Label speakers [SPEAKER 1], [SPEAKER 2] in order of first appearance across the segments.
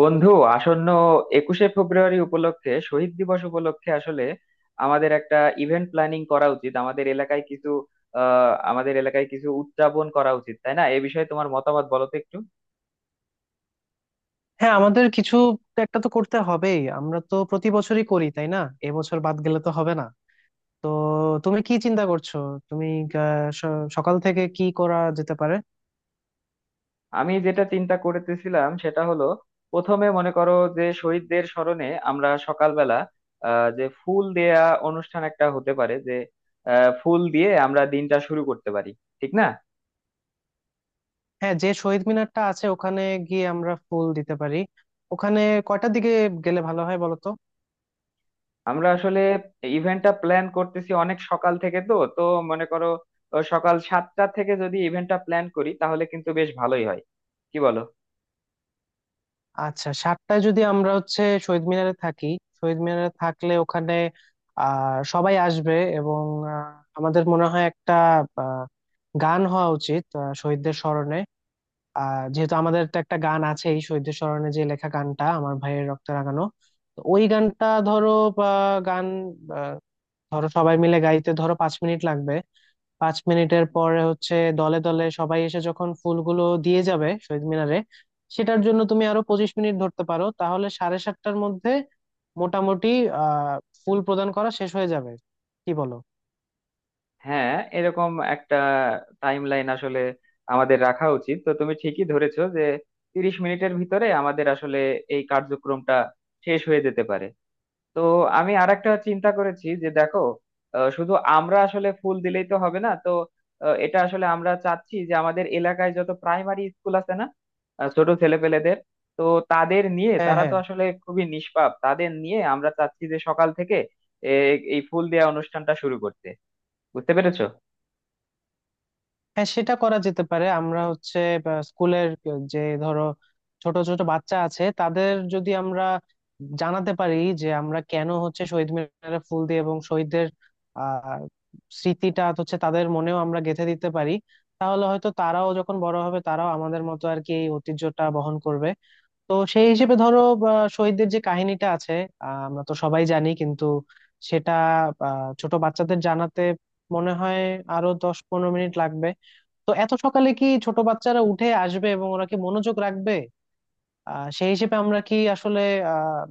[SPEAKER 1] বন্ধু, আসন্ন একুশে ফেব্রুয়ারি উপলক্ষে, শহীদ দিবস উপলক্ষে আসলে আমাদের একটা ইভেন্ট প্ল্যানিং করা উচিত। আমাদের এলাকায় কিছু উদযাপন করা উচিত, তাই না? এ বিষয়ে তোমার মতামত বলো তো একটু।
[SPEAKER 2] হ্যাঁ, আমাদের কিছু একটা তো করতে হবেই। আমরা তো প্রতি বছরই করি, তাই না? এবছর বাদ গেলে তো হবে না। তো তুমি কি চিন্তা করছো? তুমি আহ, সকাল থেকে কি করা যেতে পারে?
[SPEAKER 1] আমি যেটা চিন্তা করতেছিলাম সেটা হলো, প্রথমে মনে করো, যে শহীদদের স্মরণে আমরা সকালবেলা যে ফুল দেয়া অনুষ্ঠান একটা হতে পারে, যে ফুল দিয়ে আমরা দিনটা শুরু করতে পারি, ঠিক না?
[SPEAKER 2] হ্যাঁ, যে শহীদ মিনারটা আছে, ওখানে গিয়ে আমরা ফুল দিতে পারি। ওখানে কয়টার দিকে গেলে ভালো হয় বলো তো?
[SPEAKER 1] আমরা আসলে ইভেন্টটা প্ল্যান করতেছি অনেক সকাল থেকে, তো তো মনে করো, সকাল 7টা থেকে যদি ইভেন্টটা প্ল্যান করি তাহলে কিন্তু বেশ ভালোই হয়, কি বলো?
[SPEAKER 2] আচ্ছা, 7টায় যদি আমরা হচ্ছে শহীদ মিনারে থাকি, শহীদ মিনারে থাকলে ওখানে সবাই আসবে, এবং আহ, আমাদের মনে হয় একটা আহ, গান হওয়া উচিত, শহীদদের স্মরণে। যেহেতু আমাদের তো একটা গান আছেই শহীদদের স্মরণে, যে লেখা গানটা আমার ভাইয়ের রক্তে রাঙানো, তো ওই গানটা ধরো বা গান, আহ, ধরো সবাই মিলে গাইতে ধরো 5 মিনিট লাগবে। 5 মিনিটের পরে হচ্ছে দলে দলে সবাই এসে যখন ফুলগুলো দিয়ে যাবে শহীদ মিনারে, সেটার জন্য তুমি আরো 25 মিনিট ধরতে পারো, তাহলে সাড়ে 7টার মধ্যে মোটামুটি আহ ফুল প্রদান করা শেষ হয়ে যাবে। কি বলো?
[SPEAKER 1] হ্যাঁ, এরকম একটা টাইম লাইন আসলে আমাদের রাখা উচিত। তো তুমি ঠিকই ধরেছো যে 30 মিনিটের ভিতরে আমাদের আসলে এই কার্যক্রমটা শেষ হয়ে যেতে পারে। তো আমি আরেকটা চিন্তা করেছি, যে দেখো, শুধু আমরা আসলে ফুল দিলেই তো হবে না, তো এটা আসলে আমরা চাচ্ছি যে আমাদের এলাকায় যত প্রাইমারি স্কুল আছে না, ছোট ছেলেপেলেদের, তো তাদের নিয়ে,
[SPEAKER 2] হ্যাঁ,
[SPEAKER 1] তারা তো
[SPEAKER 2] হ্যাঁ,
[SPEAKER 1] আসলে খুবই নিষ্পাপ, তাদের নিয়ে আমরা চাচ্ছি যে সকাল থেকে এই ফুল দেওয়া অনুষ্ঠানটা শুরু করতে। বুঝতে পেরেছো?
[SPEAKER 2] হ্যাঁ, সেটা করা যেতে পারে। আমরা হচ্ছে বা, স্কুলের যে ধরো ছোট ছোট বাচ্চা আছে, তাদের যদি আমরা জানাতে পারি যে আমরা কেন হচ্ছে শহীদ মিনারে ফুল দিয়ে, এবং শহীদদের আহ স্মৃতিটা হচ্ছে তাদের মনেও আমরা গেঁথে দিতে পারি, তাহলে হয়তো তারাও যখন বড় হবে তারাও আমাদের মতো আর কি এই ঐতিহ্যটা বহন করবে। তো সেই হিসেবে ধরো বা, শহীদদের যে কাহিনীটা আছে, আমরা তো সবাই জানি, কিন্তু সেটা ছোট বাচ্চাদের জানাতে মনে হয় আরো 10-15 মিনিট লাগবে। তো এত সকালে কি ছোট বাচ্চারা উঠে আসবে এবং ওরা কি মনোযোগ রাখবে? সেই হিসেবে আমরা কি আসলে আহ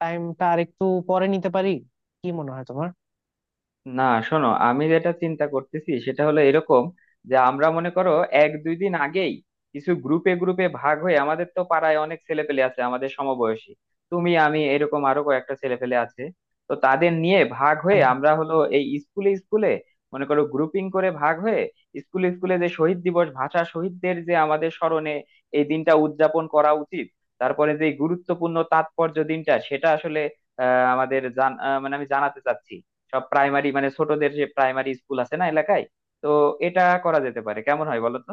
[SPEAKER 2] টাইমটা আর একটু পরে নিতে পারি? কি মনে হয় তোমার?
[SPEAKER 1] না, শোনো, আমি যেটা চিন্তা করতেছি সেটা হলো এরকম, যে আমরা মনে করো এক দুই দিন আগেই কিছু গ্রুপে গ্রুপে ভাগ হয়ে, আমাদের তো পাড়ায় অনেক ছেলেপেলে আছে আমাদের সমবয়সী, তুমি আমি এরকম আরো কয়েকটা ছেলেপেলে আছে, তো তাদের নিয়ে ভাগ হয়ে
[SPEAKER 2] হ্যাঁ,
[SPEAKER 1] আমরা হলো এই স্কুলে স্কুলে, মনে করো গ্রুপিং করে ভাগ হয়ে স্কুলে স্কুলে, যে শহীদ দিবস, ভাষা শহীদদের যে আমাদের স্মরণে এই দিনটা উদযাপন করা উচিত, তারপরে যে গুরুত্বপূর্ণ তাৎপর্য দিনটা সেটা আসলে আহ আমাদের জান আহ, মানে আমি জানাতে চাচ্ছি সব প্রাইমারি মানে ছোটদের, যে প্রাইমারি স্কুল আছে না এলাকায়। তো এটা করা যেতে পারে, কেমন হয় বলো তো?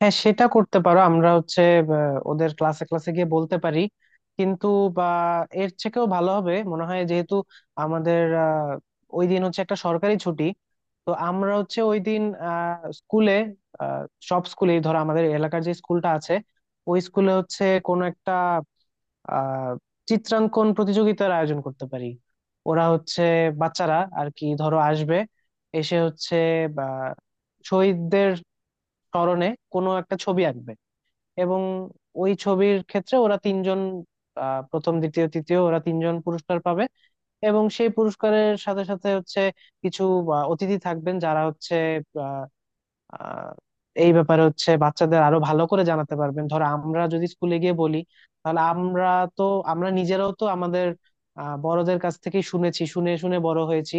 [SPEAKER 2] হ্যাঁ, সেটা করতে পারো। আমরা হচ্ছে ওদের ক্লাসে ক্লাসে গিয়ে বলতে পারি, কিন্তু বা এর থেকেও ভালো হবে মনে হয়, যেহেতু আমাদের ওই দিন হচ্ছে একটা সরকারি ছুটি, তো আমরা হচ্ছে ওই দিন স্কুলে আহ সব স্কুলেই ধরো আমাদের এলাকার যে স্কুলটা আছে ওই স্কুলে হচ্ছে কোনো একটা আহ চিত্রাঙ্কন প্রতিযোগিতার আয়োজন করতে পারি। ওরা হচ্ছে বাচ্চারা আর কি ধরো আসবে, এসে হচ্ছে বা শহীদদের স্মরণে কোনো একটা ছবি আঁকবে, এবং ওই ছবির ক্ষেত্রে ওরা তিনজন প্রথম দ্বিতীয় তৃতীয় ওরা তিনজন পুরস্কার পাবে। এবং সেই পুরস্কারের সাথে সাথে হচ্ছে কিছু অতিথি থাকবেন, যারা হচ্ছে আহ, এই ব্যাপারে হচ্ছে বাচ্চাদের আরো ভালো করে জানাতে পারবেন। ধরো আমরা যদি স্কুলে গিয়ে বলি, তাহলে আমরা তো আমরা নিজেরাও তো আমাদের বড়দের কাছ থেকে শুনেছি, শুনে শুনে বড় হয়েছি।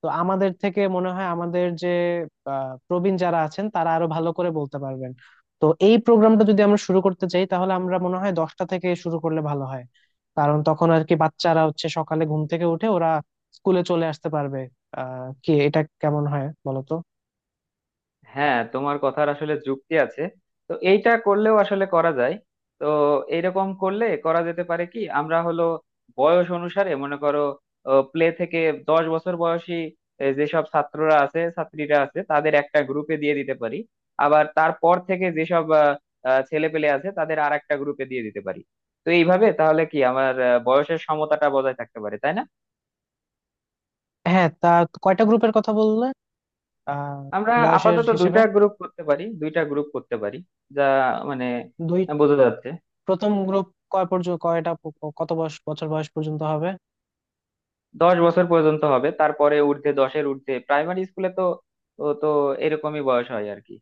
[SPEAKER 2] তো আমাদের থেকে মনে হয় আমাদের যে প্রবীণ যারা আছেন তারা আরো ভালো করে বলতে পারবেন। তো এই প্রোগ্রামটা যদি আমরা শুরু করতে চাই, তাহলে আমরা মনে হয় 10টা থেকে শুরু করলে ভালো হয়, কারণ তখন আর কি বাচ্চারা হচ্ছে সকালে ঘুম থেকে উঠে ওরা স্কুলে চলে আসতে পারবে। কি, এটা কেমন হয় বলতো?
[SPEAKER 1] হ্যাঁ, তোমার কথার আসলে যুক্তি আছে। তো এইটা করলেও আসলে করা যায়। তো এইরকম করলে করা যেতে পারে, কি আমরা হলো বয়স অনুসারে মনে করো প্লে থেকে 10 বছর বয়সী যেসব ছাত্ররা আছে ছাত্রীরা আছে তাদের একটা গ্রুপে দিয়ে দিতে পারি, আবার তারপর থেকে যেসব ছেলে পেলে আছে তাদের আর একটা গ্রুপে দিয়ে দিতে পারি। তো এইভাবে তাহলে কি আমার বয়সের সমতাটা বজায় থাকতে পারে, তাই না?
[SPEAKER 2] হ্যাঁ, তা কয়টা গ্রুপের কথা বললে? আহ
[SPEAKER 1] আমরা
[SPEAKER 2] বয়সের
[SPEAKER 1] আপাতত
[SPEAKER 2] হিসেবে
[SPEAKER 1] দুইটা গ্রুপ করতে পারি। যা মানে,
[SPEAKER 2] দুই
[SPEAKER 1] বোঝা যাচ্ছে
[SPEAKER 2] প্রথম গ্রুপ কয় পর্যন্ত, কয়টা কত বয়স বছর বয়স পর্যন্ত হবে?
[SPEAKER 1] 10 বছর পর্যন্ত হবে, তারপরে দশের ঊর্ধ্বে প্রাইমারি স্কুলে তো, ও তো এরকমই বয়স হয় আর কি।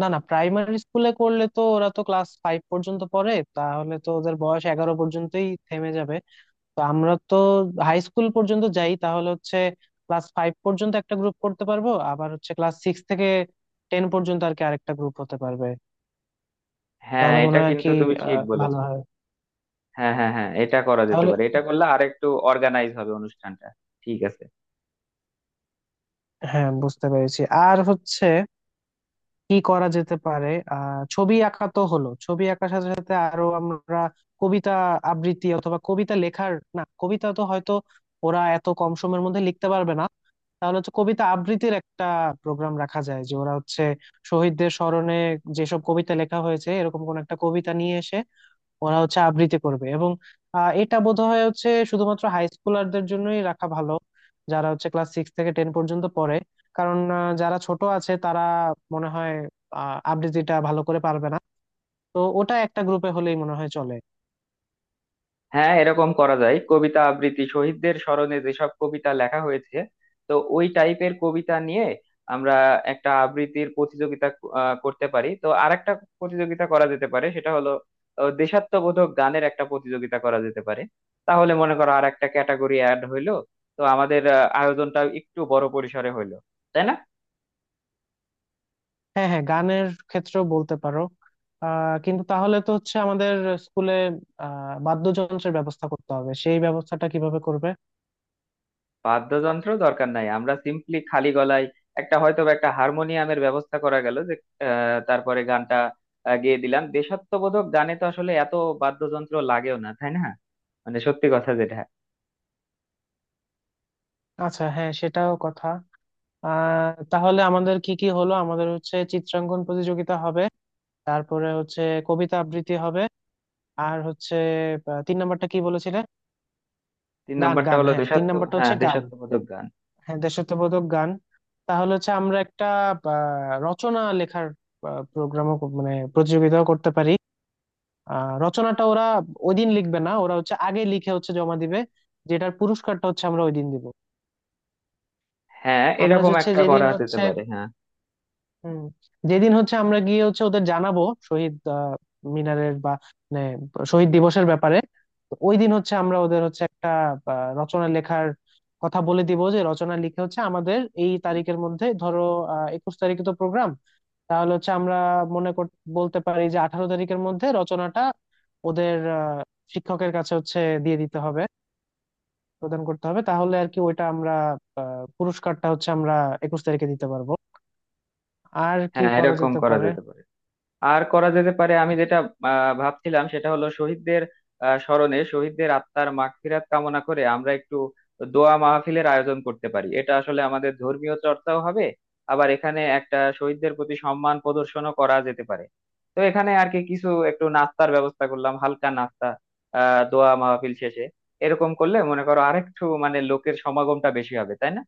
[SPEAKER 2] না, না, প্রাইমারি স্কুলে করলে তো ওরা তো ক্লাস ফাইভ পর্যন্ত পড়ে, তাহলে তো ওদের বয়স 11 পর্যন্তই থেমে যাবে। তো আমরা তো হাই স্কুল পর্যন্ত যাই, তাহলে হচ্ছে ক্লাস ফাইভ পর্যন্ত একটা গ্রুপ করতে পারবো, আবার হচ্ছে ক্লাস সিক্স থেকে টেন পর্যন্ত আর কি আরেকটা গ্রুপ হতে পারবে।
[SPEAKER 1] হ্যাঁ,
[SPEAKER 2] তাহলে মনে
[SPEAKER 1] এটা
[SPEAKER 2] হয় আর
[SPEAKER 1] কিন্তু
[SPEAKER 2] কি
[SPEAKER 1] তুমি ঠিক
[SPEAKER 2] ভালো
[SPEAKER 1] বলেছো।
[SPEAKER 2] হয়।
[SPEAKER 1] হ্যাঁ, হ্যাঁ, হ্যাঁ, এটা করা যেতে
[SPEAKER 2] তাহলে
[SPEAKER 1] পারে, এটা করলে আরেকটু অর্গানাইজ হবে অনুষ্ঠানটা। ঠিক আছে।
[SPEAKER 2] হ্যাঁ, বুঝতে পেরেছি। আর হচ্ছে কি করা যেতে পারে, ছবি আঁকা তো হলো, ছবি আঁকার সাথে সাথে আরো আমরা কবিতা আবৃত্তি অথবা কবিতা লেখার, না কবিতা তো হয়তো ওরা এত কম সময়ের মধ্যে লিখতে পারবে না। তাহলে হচ্ছে কবিতা আবৃত্তির একটা প্রোগ্রাম রাখা যায়, যে ওরা হচ্ছে শহীদদের স্মরণে যেসব কবিতা লেখা হয়েছে এরকম কোন একটা কবিতা নিয়ে এসে ওরা হচ্ছে আবৃত্তি করবে। এবং এটা বোধহয় হচ্ছে শুধুমাত্র হাই স্কুলারদের জন্যই রাখা ভালো, যারা হচ্ছে ক্লাস সিক্স থেকে টেন পর্যন্ত পড়ে। কারণ যারা ছোট আছে তারা মনে হয় আবৃত্তিটা ভালো করে পারবে না। তো ওটা একটা গ্রুপে হলেই মনে হয় চলে।
[SPEAKER 1] হ্যাঁ, এরকম করা যায়, কবিতা আবৃত্তি, শহীদদের স্মরণে যেসব কবিতা লেখা হয়েছে, তো ওই টাইপের কবিতা নিয়ে আমরা একটা আবৃত্তির প্রতিযোগিতা করতে পারি। তো আরেকটা প্রতিযোগিতা করা যেতে পারে, সেটা হলো দেশাত্মবোধক গানের একটা প্রতিযোগিতা করা যেতে পারে। তাহলে মনে করো আর একটা ক্যাটাগরি অ্যাড হইলো, তো আমাদের আয়োজনটা একটু বড় পরিসরে হইলো, তাই না?
[SPEAKER 2] হ্যাঁ, হ্যাঁ, গানের ক্ষেত্রেও বলতে পারো। কিন্তু তাহলে তো হচ্ছে আমাদের স্কুলে বাদ্যযন্ত্রের ব্যবস্থা করতে হবে, সেই ব্যবস্থাটা কিভাবে করবে?
[SPEAKER 1] বাদ্যযন্ত্র দরকার নাই, আমরা সিম্পলি খালি গলায়, একটা হয়তো বা একটা হারমোনিয়ামের ব্যবস্থা করা গেল, যে তারপরে গানটা গেয়ে দিলাম। দেশাত্মবোধক গানে তো আসলে এত বাদ্যযন্ত্র লাগেও না, তাই না? মানে সত্যি কথা যেটা।
[SPEAKER 2] আচ্ছা, হ্যাঁ, সেটাও কথা। তাহলে আমাদের কি কি হলো? আমাদের হচ্ছে চিত্রাঙ্কন প্রতিযোগিতা হবে, তারপরে হচ্ছে কবিতা আবৃত্তি হবে, আর হচ্ছে তিন নাম্বারটা কি বলেছিলে?
[SPEAKER 1] তিন
[SPEAKER 2] গান,
[SPEAKER 1] নাম্বারটা
[SPEAKER 2] গান,
[SPEAKER 1] হলো
[SPEAKER 2] হ্যাঁ, তিন নাম্বারটা
[SPEAKER 1] হ্যাঁ,
[SPEAKER 2] হচ্ছে গান।
[SPEAKER 1] দেশাত্মবোধক গান।
[SPEAKER 2] হ্যাঁ, দেশাত্মবোধক গান। তাহলে হচ্ছে আমরা একটা রচনা লেখার প্রোগ্রামও, মানে প্রতিযোগিতাও করতে পারি। রচনাটা ওরা ওই দিন লিখবে না, ওরা হচ্ছে আগে লিখে হচ্ছে জমা দিবে, যেটার পুরস্কারটা হচ্ছে আমরা ওই দিন দিব।
[SPEAKER 1] হ্যাঁ,
[SPEAKER 2] আমরা যে
[SPEAKER 1] এরকম
[SPEAKER 2] হচ্ছে
[SPEAKER 1] একটা
[SPEAKER 2] যেদিন
[SPEAKER 1] করা যেতে
[SPEAKER 2] হচ্ছে,
[SPEAKER 1] পারে। হ্যাঁ,
[SPEAKER 2] হুম, যেদিন হচ্ছে আমরা গিয়ে হচ্ছে ওদের জানাবো শহীদ মিনারের বা মানে শহীদ দিবসের ব্যাপারে। তো ওই দিন হচ্ছে আমরা ওদের হচ্ছে একটা রচনা লেখার কথা বলে দিব, যে রচনা লিখে হচ্ছে আমাদের এই তারিখের মধ্যে, ধরো 21 তারিখে তো প্রোগ্রাম, তাহলে হচ্ছে আমরা মনে কর বলতে পারি যে 18 তারিখের মধ্যে রচনাটা ওদের শিক্ষকের কাছে হচ্ছে দিয়ে দিতে হবে, প্রদান করতে হবে। তাহলে আর কি ওইটা আমরা, পুরস্কারটা হচ্ছে আমরা 21 তারিখে দিতে পারবো। আর কি
[SPEAKER 1] হ্যাঁ,
[SPEAKER 2] করা
[SPEAKER 1] এরকম
[SPEAKER 2] যেতে
[SPEAKER 1] করা
[SPEAKER 2] পারে?
[SPEAKER 1] যেতে পারে। আর করা যেতে পারে, আমি যেটা ভাবছিলাম সেটা হলো শহীদদের স্মরণে, শহীদদের আত্মার মাগফিরাত কামনা করে আমরা একটু দোয়া মাহফিলের আয়োজন করতে পারি। এটা আসলে আমাদের ধর্মীয় চর্চাও হবে, আবার এখানে একটা শহীদদের প্রতি সম্মান প্রদর্শনও করা যেতে পারে। তো এখানে আর কি কিছু একটু নাস্তার ব্যবস্থা করলাম, হালকা নাস্তা, দোয়া মাহফিল শেষে। এরকম করলে মনে করো আরেকটু মানে লোকের সমাগমটা বেশি হবে, তাই না?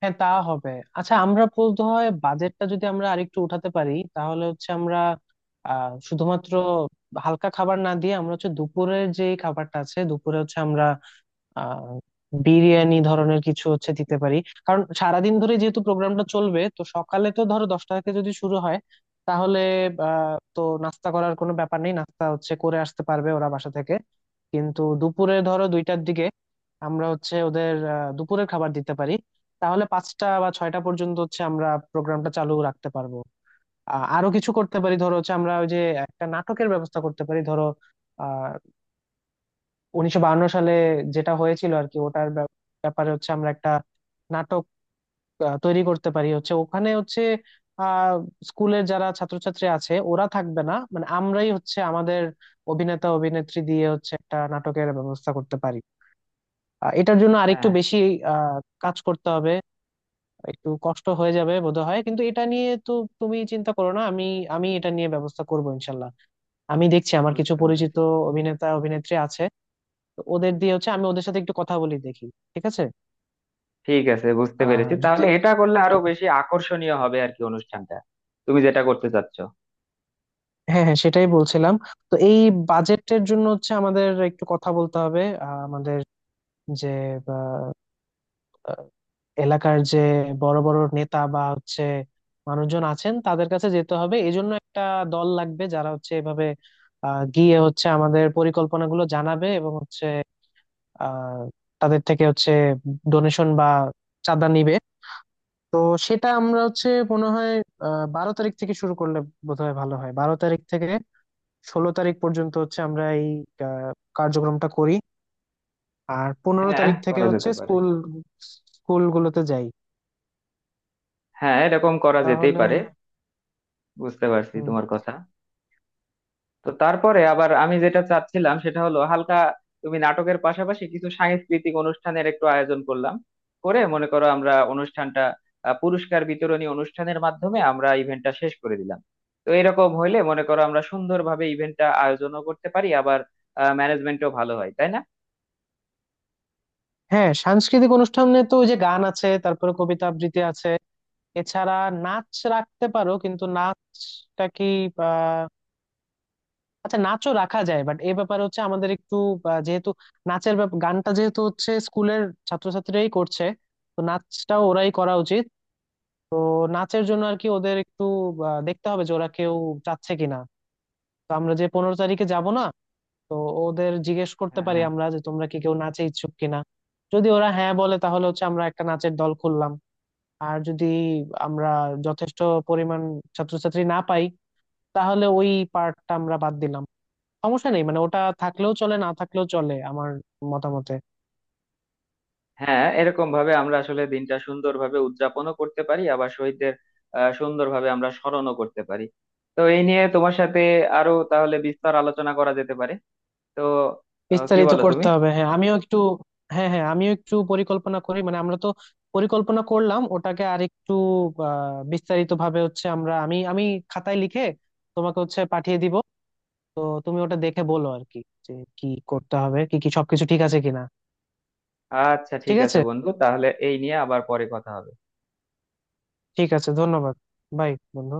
[SPEAKER 2] হ্যাঁ, তা হবে। আচ্ছা, আমরা বলতে হয় বাজেটটা যদি আমরা আরেকটু উঠাতে পারি, তাহলে হচ্ছে আমরা শুধুমাত্র হালকা খাবার না দিয়ে আমরা হচ্ছে দুপুরের যে খাবারটা আছে দুপুরে হচ্ছে আমরা আহ বিরিয়ানি ধরনের কিছু হচ্ছে দিতে পারি। কারণ সারাদিন ধরে যেহেতু প্রোগ্রামটা চলবে, তো সকালে তো ধরো 10টা থেকে যদি শুরু হয়, তাহলে তো নাস্তা করার কোনো ব্যাপার নেই, নাস্তা হচ্ছে করে আসতে পারবে ওরা বাসা থেকে, কিন্তু দুপুরে ধরো 2টার দিকে আমরা হচ্ছে ওদের দুপুরের খাবার দিতে পারি। তাহলে 5টা বা 6টা পর্যন্ত হচ্ছে আমরা প্রোগ্রামটা চালু রাখতে পারবো। আরো কিছু করতে পারি, ধরো হচ্ছে আমরা ওই যে একটা নাটকের ব্যবস্থা করতে পারি। ধরো 1952 সালে যেটা হয়েছিল আর কি, ওটার ব্যাপারে হচ্ছে আমরা একটা নাটক তৈরি করতে পারি, হচ্ছে ওখানে হচ্ছে আহ স্কুলের যারা ছাত্রছাত্রী আছে ওরা থাকবে না, মানে আমরাই হচ্ছে আমাদের অভিনেতা অভিনেত্রী দিয়ে হচ্ছে একটা নাটকের ব্যবস্থা করতে পারি। এটার জন্য আরেকটু
[SPEAKER 1] হ্যাঁ,
[SPEAKER 2] বেশি আহ কাজ করতে হবে, একটু কষ্ট হয়ে যাবে বোধহয়, কিন্তু এটা নিয়ে তো তুমি চিন্তা করো না। আমি আমি এটা নিয়ে ব্যবস্থা করবো ইনশাল্লাহ। আমি দেখছি আমার কিছু
[SPEAKER 1] বুঝতে
[SPEAKER 2] পরিচিত
[SPEAKER 1] পেরেছি।
[SPEAKER 2] অভিনেতা অভিনেত্রী আছে, তো ওদের দিয়ে হচ্ছে আমি ওদের সাথে একটু কথা বলি দেখি। ঠিক আছে?
[SPEAKER 1] ঠিক আছে, বুঝতে পেরেছি,
[SPEAKER 2] আর যদি
[SPEAKER 1] তাহলে এটা করলে আরো
[SPEAKER 2] ঠিক আছে।
[SPEAKER 1] বেশি আকর্ষণীয় হবে আর কি অনুষ্ঠানটা, তুমি যেটা করতে চাচ্ছ।
[SPEAKER 2] হ্যাঁ, হ্যাঁ, সেটাই বলছিলাম। তো এই বাজেটের জন্য হচ্ছে আমাদের একটু কথা বলতে হবে, আমাদের যে আহ, আহ, এলাকার যে বড় বড় নেতা বা হচ্ছে মানুষজন আছেন তাদের কাছে যেতে হবে। এই জন্য একটা দল লাগবে, যারা হচ্ছে এভাবে গিয়ে হচ্ছে আমাদের পরিকল্পনাগুলো জানাবে এবং হচ্ছে আহ তাদের থেকে হচ্ছে ডোনেশন বা চাঁদা নিবে। তো সেটা আমরা হচ্ছে মনে হয় 12 তারিখ থেকে শুরু করলে বোধহয় ভালো হয়, 12 তারিখ থেকে 16 তারিখ পর্যন্ত হচ্ছে আমরা এই আহ, কার্যক্রমটা করি, আর পনেরো
[SPEAKER 1] হ্যাঁ,
[SPEAKER 2] তারিখ থেকে
[SPEAKER 1] করা
[SPEAKER 2] হচ্ছে
[SPEAKER 1] যেতে পারে।
[SPEAKER 2] স্কুল স্কুলগুলোতে যাই।
[SPEAKER 1] হ্যাঁ, এরকম করা যেতেই
[SPEAKER 2] তাহলে
[SPEAKER 1] পারে। বুঝতে পারছি
[SPEAKER 2] হুম,
[SPEAKER 1] তোমার কথা। তো তারপরে আবার আমি যেটা চাচ্ছিলাম সেটা হলো, হালকা তুমি নাটকের পাশাপাশি কিছু সাংস্কৃতিক অনুষ্ঠানের একটু আয়োজন করলাম, করে মনে করো আমরা অনুষ্ঠানটা পুরস্কার বিতরণী অনুষ্ঠানের মাধ্যমে আমরা ইভেন্টটা শেষ করে দিলাম। তো এরকম হইলে মনে করো আমরা সুন্দরভাবে ইভেন্টটা আয়োজনও করতে পারি, আবার ম্যানেজমেন্টও ভালো হয়, তাই না?
[SPEAKER 2] হ্যাঁ, সাংস্কৃতিক অনুষ্ঠানে তো ওই যে গান আছে, তারপরে কবিতা আবৃত্তি আছে, এছাড়া নাচ রাখতে পারো, কিন্তু নাচটা কি, আচ্ছা নাচও রাখা যায়, বাট এই ব্যাপারে হচ্ছে আমাদের একটু যেহেতু গানটা যেহেতু হচ্ছে স্কুলের ছাত্রছাত্রীরাই করছে, তো নাচটাও ওরাই করা উচিত। তো নাচের জন্য আর কি ওদের একটু দেখতে হবে যে ওরা কেউ চাচ্ছে কিনা। তো আমরা যে 15 তারিখে যাব না, তো ওদের জিজ্ঞেস করতে
[SPEAKER 1] হ্যাঁ,
[SPEAKER 2] পারি
[SPEAKER 1] হ্যাঁ,
[SPEAKER 2] আমরা যে তোমরা কি কেউ নাচে ইচ্ছুক কিনা। যদি ওরা হ্যাঁ বলে, তাহলে হচ্ছে আমরা একটা নাচের দল খুললাম। আর যদি আমরা যথেষ্ট পরিমাণ ছাত্রছাত্রী না পাই, তাহলে ওই পার্টটা আমরা বাদ দিলাম। সমস্যা নেই, মানে ওটা থাকলেও চলে না থাকলেও চলে আমার মতামতে।
[SPEAKER 1] হ্যাঁ, এরকম ভাবে আমরা আসলে দিনটা সুন্দরভাবে উদযাপনও করতে পারি, আবার শহীদদের সুন্দরভাবে আমরা স্মরণও করতে পারি। তো এই নিয়ে তোমার সাথে আরো তাহলে বিস্তার আলোচনা করা যেতে পারে, তো কি
[SPEAKER 2] বিস্তারিত
[SPEAKER 1] বলো তুমি?
[SPEAKER 2] করতে হবে, হ্যাঁ, আমিও একটু। হ্যাঁ, হ্যাঁ, আমিও একটু পরিকল্পনা করি, মানে আমরা তো পরিকল্পনা করলাম ওটাকে আর একটু বিস্তারিত ভাবে হচ্ছে আমরা, আমি আমি খাতায় লিখে তোমাকে হচ্ছে পাঠিয়ে দিব। তো তুমি ওটা দেখে বলো আর কি, যে কি করতে হবে, কি কি সবকিছু ঠিক আছে কিনা।
[SPEAKER 1] আচ্ছা ঠিক
[SPEAKER 2] ঠিক
[SPEAKER 1] আছে
[SPEAKER 2] আছে।
[SPEAKER 1] বন্ধু, তাহলে এই নিয়ে আবার পরে কথা হবে।
[SPEAKER 2] ঠিক আছে, ধন্যবাদ। বাই, বন্ধু।